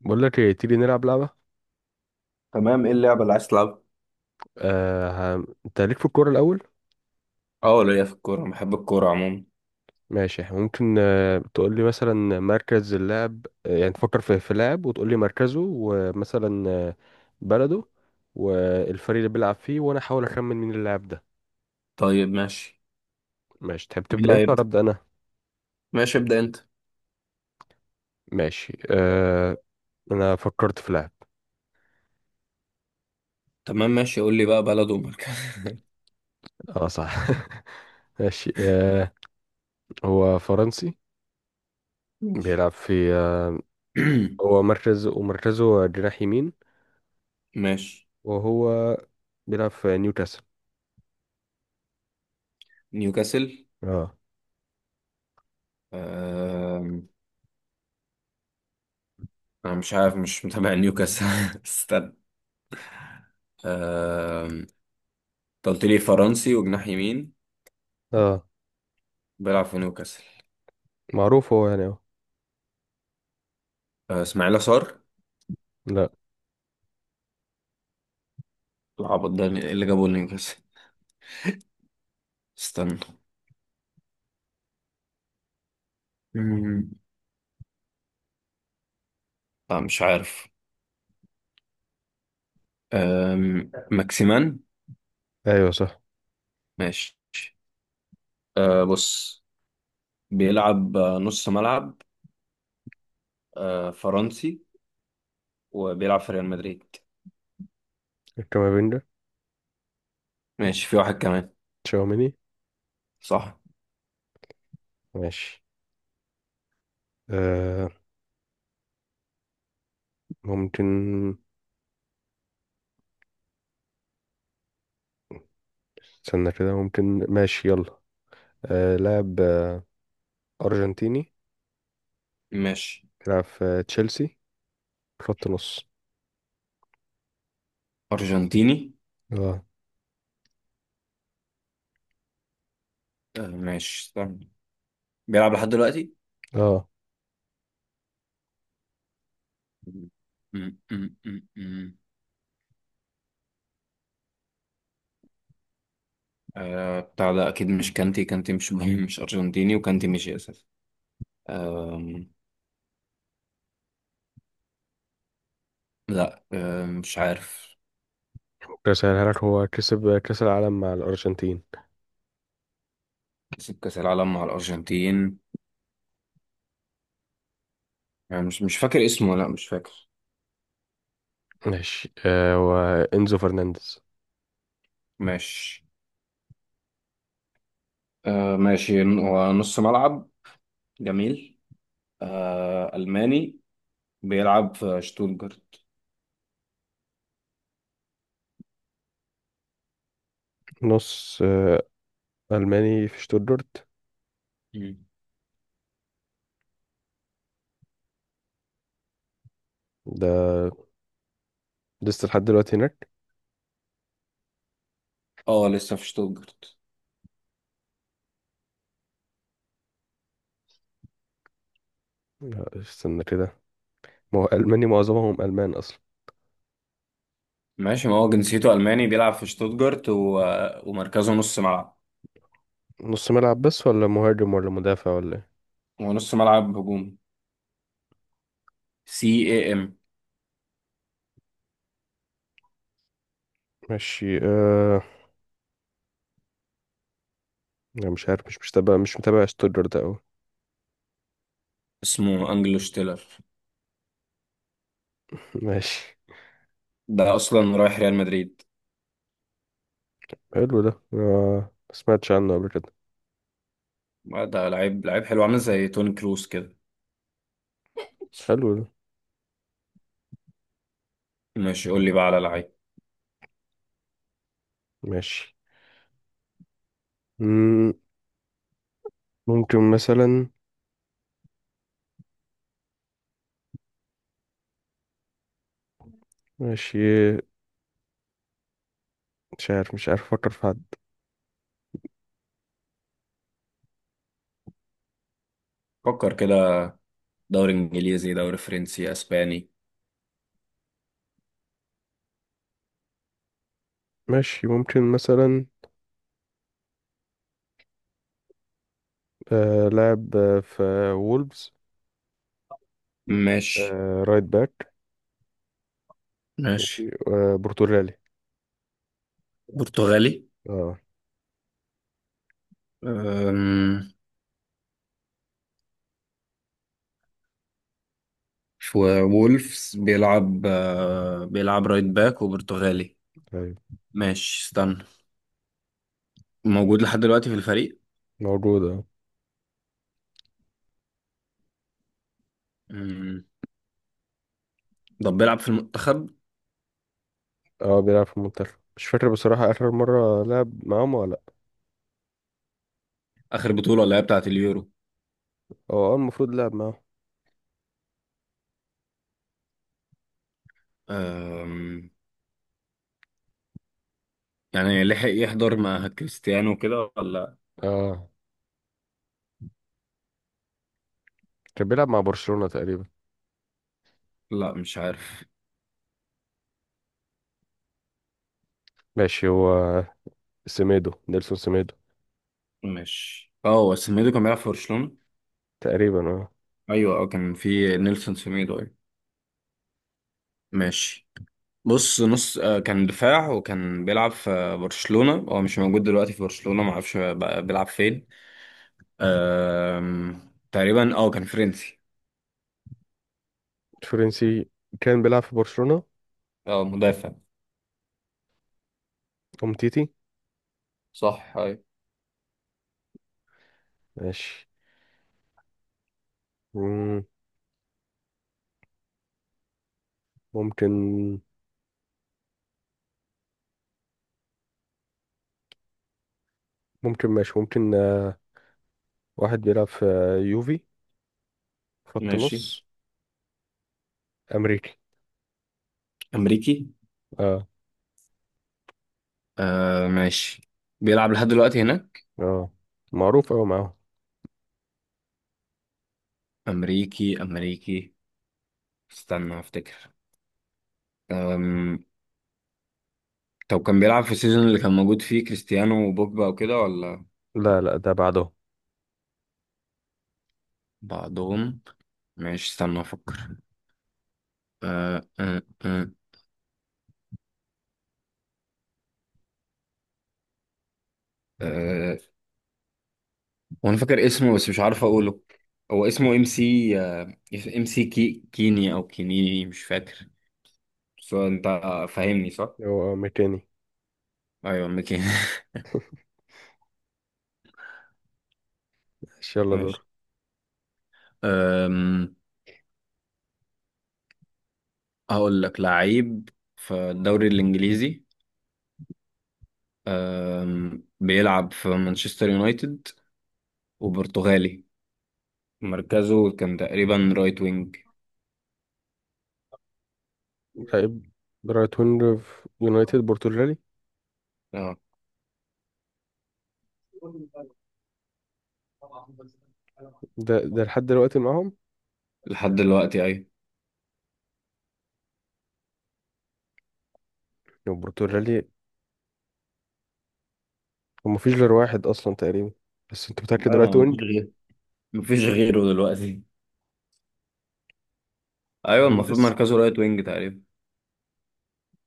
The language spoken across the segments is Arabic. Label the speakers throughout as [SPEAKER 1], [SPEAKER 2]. [SPEAKER 1] بقول لك ايه؟ تيجي نلعب لعبة.
[SPEAKER 2] تمام، ايه اللعبة اللي عايز تلعبها؟
[SPEAKER 1] انت ليك في الكورة الأول.
[SPEAKER 2] اه، ليا في الكورة، بحب الكورة عموما.
[SPEAKER 1] ماشي، إحنا ممكن تقول لي مثلا مركز اللاعب، يعني تفكر في لاعب وتقول لي مركزه، ومثلا بلده والفريق اللي بيلعب فيه، وانا احاول اخمن مين اللاعب ده.
[SPEAKER 2] طيب ماشي.
[SPEAKER 1] ماشي، تحب
[SPEAKER 2] مين
[SPEAKER 1] تبدأ
[SPEAKER 2] اللي
[SPEAKER 1] انت ولا
[SPEAKER 2] هيبدأ؟
[SPEAKER 1] أبدأ انا؟
[SPEAKER 2] ماشي، ابدأ انت.
[SPEAKER 1] ماشي انا فكرت في لاعب.
[SPEAKER 2] تمام ماشي، قول لي بقى بلد ومركز.
[SPEAKER 1] اه صح. ماشي هو فرنسي،
[SPEAKER 2] ماشي.
[SPEAKER 1] بيلعب في هو مركز، ومركزه جناح يمين،
[SPEAKER 2] ماشي.
[SPEAKER 1] وهو بيلعب في نيوكاسل.
[SPEAKER 2] نيوكاسل.
[SPEAKER 1] اه.
[SPEAKER 2] آم، انا مش عارف، مش متابع نيوكاسل. استنى. آم، انت قلت لي فرنسي وجناح يمين،
[SPEAKER 1] اه،
[SPEAKER 2] بيلعب في نيوكاسل.
[SPEAKER 1] معروف هو يعني اهو.
[SPEAKER 2] اسماعيل صار؟
[SPEAKER 1] لا.
[SPEAKER 2] العبط ده ايه اللي جابه نيوكاسل؟ استنى. مم، لا، مش عارف. ماكسيمان.
[SPEAKER 1] ايوه صح،
[SPEAKER 2] ماشي. بص، بيلعب نص ملعب، فرنسي، وبيلعب في ريال مدريد.
[SPEAKER 1] الكامافينجا،
[SPEAKER 2] ماشي، في واحد كمان.
[SPEAKER 1] تشاوميني.
[SPEAKER 2] صح.
[SPEAKER 1] ماشي آه ممكن، استنى كده، ممكن، ماشي يلا. لاعب أرجنتيني،
[SPEAKER 2] ماشي.
[SPEAKER 1] بيلعب في تشيلسي، خط نص.
[SPEAKER 2] أرجنتيني.
[SPEAKER 1] اه.
[SPEAKER 2] ماشي، استنى. بيلعب لحد دلوقتي.
[SPEAKER 1] اه،
[SPEAKER 2] م- م- م- م. بتاع ده أكيد مش كانتي. كانتي مش مهم. مش أرجنتيني، وكانتي مش أساسي. آم، لا، مش عارف.
[SPEAKER 1] ممكن أسهلها لك، هو كسب كأس العالم مع الأرجنتين.
[SPEAKER 2] كسب كأس العالم مع الأرجنتين. يعني مش فاكر اسمه، لا مش فاكر.
[SPEAKER 1] ماشي وإنزو فرنانديز.
[SPEAKER 2] ماشي. ماشي، هو نص ملعب. جميل. ألماني، بيلعب في شتوتجارت.
[SPEAKER 1] نص ألماني في شتوتجارت.
[SPEAKER 2] مم.
[SPEAKER 1] ده لسه لحد دلوقتي هناك؟
[SPEAKER 2] اه، لسه في شتوتجارت.
[SPEAKER 1] لا، استنى كده، ما هو ألماني، معظمهم ألمان أصلا.
[SPEAKER 2] ماشي، ما هو جنسيته ألماني، بيلعب في شتوتجارت و ومركزه نص ملعب.
[SPEAKER 1] نص ملعب بس، ولا مهاجم، ولا مدافع، ولا ايه؟
[SPEAKER 2] هو نص ملعب هجومي. CAM.
[SPEAKER 1] ماشي أنا مش عارف، مش متابع، ستودر ده أوي.
[SPEAKER 2] اسمه أنجلو شتيلر.
[SPEAKER 1] ماشي،
[SPEAKER 2] ده أصلا رايح ريال مدريد.
[SPEAKER 1] حلو ده. ما سمعتش عنه قبل كده.
[SPEAKER 2] ده لعيب، لعيب حلو، عامل زي توني كروس كده.
[SPEAKER 1] حلو ده.
[SPEAKER 2] ماشي، قول لي بقى على لعيب.
[SPEAKER 1] ماشي. مم... ممكن مثلا. ماشي، مش عارف أفكر في حد.
[SPEAKER 2] فكر كده، دوري إنجليزي، دوري فرنسي، أسباني.
[SPEAKER 1] ماشي، ممكن مثلا لاعب في وولفز،
[SPEAKER 2] ماشي.
[SPEAKER 1] رايت باك.
[SPEAKER 2] ماشي.
[SPEAKER 1] ماشي برتغالي.
[SPEAKER 2] برتغالي.
[SPEAKER 1] اه.
[SPEAKER 2] أم... وولفز، بيلعب رايت باك وبرتغالي.
[SPEAKER 1] ايوه
[SPEAKER 2] ماشي، استنى. موجود لحد دلوقتي في الفريق؟
[SPEAKER 1] موجود اه.
[SPEAKER 2] مم. طب بيلعب في المنتخب؟
[SPEAKER 1] بيلعب في المنتخب، مش فاكر بصراحة آخر مرة لعب معاهم ولا لأ.
[SPEAKER 2] آخر بطولة اللي هي بتاعة اليورو.
[SPEAKER 1] هو اه المفروض لعب معاهم.
[SPEAKER 2] أم. يعني لحق يحضر مع كريستيانو كده ولا؟
[SPEAKER 1] اه، كان بيلعب مع برشلونة تقريبا.
[SPEAKER 2] لا، مش عارف.
[SPEAKER 1] ماشي، هو سيميدو، نيلسون سيميدو.
[SPEAKER 2] ماشي. اه، هو سميدو كان بيلعب في برشلونة.
[SPEAKER 1] تقريبا اه،
[SPEAKER 2] ايوه، اه، كان في نيلسون سميدو. ايوه. ماشي. بص، نص كان دفاع وكان بيلعب في برشلونة. هو مش موجود دلوقتي في برشلونة، معرفش بقى بيلعب فين. أم... تقريبا كان فرنسي.
[SPEAKER 1] فرنسي كان بيلعب في برشلونة،
[SPEAKER 2] اه، مدافع.
[SPEAKER 1] أومتيتي.
[SPEAKER 2] صح. ايوه.
[SPEAKER 1] ماشي. مم، ممكن، ماشي، ممكن واحد بيلعب في يوفي، خط
[SPEAKER 2] ماشي.
[SPEAKER 1] نص، أمريكي.
[SPEAKER 2] أمريكي.
[SPEAKER 1] اه.
[SPEAKER 2] ماشي، بيلعب لحد دلوقتي هناك.
[SPEAKER 1] اه، معروف أوي معاهم.
[SPEAKER 2] أمريكي، أمريكي. استنى أفتكر. أم... طب كان بيلعب في السيزون اللي كان موجود فيه كريستيانو وبوجبا وكده ولا؟
[SPEAKER 1] لا لا، ده بعده.
[SPEAKER 2] بعدهم. ماشي، استنى أفكر. آه آه آه آه. وأنا فاكر اسمه، بس مش عارف أقوله. هو اسمه MC، MCK، كيني أو كينيني، مش فاكر. بس هو أنت فاهمني صح؟
[SPEAKER 1] هو ميكاني.
[SPEAKER 2] ايوه، ميكي.
[SPEAKER 1] ماشي، يلا
[SPEAKER 2] ماشي.
[SPEAKER 1] دور.
[SPEAKER 2] أم، هقول لك لعيب في الدوري الانجليزي. بيلعب في مانشستر يونايتد وبرتغالي. مركزه كان تقريبا رايت وينج.
[SPEAKER 1] لعيب رايت وينج في يونايتد، برتغالي.
[SPEAKER 2] اه،
[SPEAKER 1] ده لحد دلوقتي معاهم،
[SPEAKER 2] لحد دلوقتي ايوه.
[SPEAKER 1] البرتغالي. ومفيش غير واحد اصلا تقريبا، بس انت متاكد رايت
[SPEAKER 2] ايوه، مفيش
[SPEAKER 1] وينج؟
[SPEAKER 2] غيره. مفيش غيره دلوقتي. ايوه، المفروض
[SPEAKER 1] فرنانديز،
[SPEAKER 2] مركزه رايت وينج تقريبا.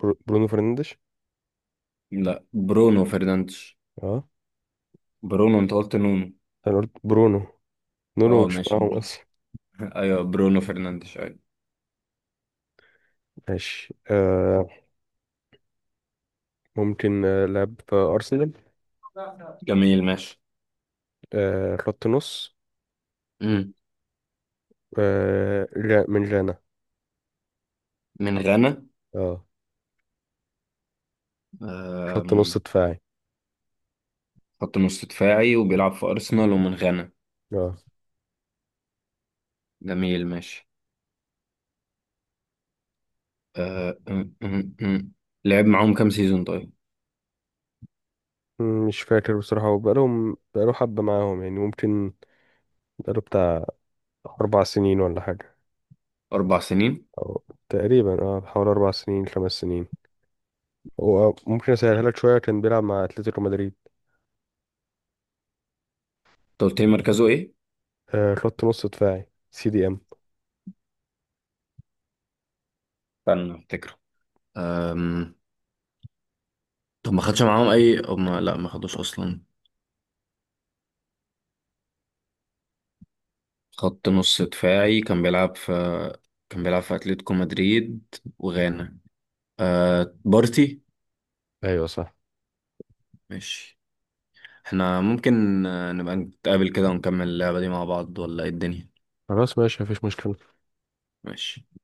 [SPEAKER 1] برونو فرنانديز.
[SPEAKER 2] لا، برونو فرنانديز.
[SPEAKER 1] اه،
[SPEAKER 2] برونو، انت قلت نونو.
[SPEAKER 1] انا قلت برونو، نونو
[SPEAKER 2] اه
[SPEAKER 1] مش
[SPEAKER 2] ماشي.
[SPEAKER 1] معاهم اصلا.
[SPEAKER 2] ايوه، برونو فرنانديز، ايوه.
[SPEAKER 1] ماشي ممكن لعب في ارسنال،
[SPEAKER 2] جميل ماشي.
[SPEAKER 1] خط نص، من جانا.
[SPEAKER 2] من غانا.
[SPEAKER 1] اه، خط نص
[SPEAKER 2] أم،
[SPEAKER 1] دفاعي.
[SPEAKER 2] خط نص دفاعي، وبيلعب في أرسنال ومن غانا.
[SPEAKER 1] اه،
[SPEAKER 2] جميل ماشي. أه، أم، أم، أم. لعب معاهم كام سيزون طيب؟
[SPEAKER 1] مش فاكر بصراحة، هو بقاله حبة معاهم يعني، ممكن بقاله بتاع 4 سنين ولا حاجة،
[SPEAKER 2] 4 سنين.
[SPEAKER 1] أو تقريبا اه حوالي 4 سنين 5 سنين. هو ممكن أسهلها لك شوية، كان بيلعب مع أتلتيكو مدريد.
[SPEAKER 2] أنت قلت لي مركزه إيه؟
[SPEAKER 1] خط نص دفاعي، CDM.
[SPEAKER 2] استنى أفتكره. أم، طب ما خدش معاهم أي؟ أو ما... لا، ما خدوش أصلا. خط نص دفاعي، كان بيلعب في أتلتيكو مدريد وغانا. بارتي.
[SPEAKER 1] ايوه صح.
[SPEAKER 2] ماشي. احنا ممكن نبقى نتقابل كده ونكمل اللعبة دي مع بعض، ولا ايه الدنيا؟
[SPEAKER 1] خلاص ماشي، مفيش مشكلة.
[SPEAKER 2] ماشي.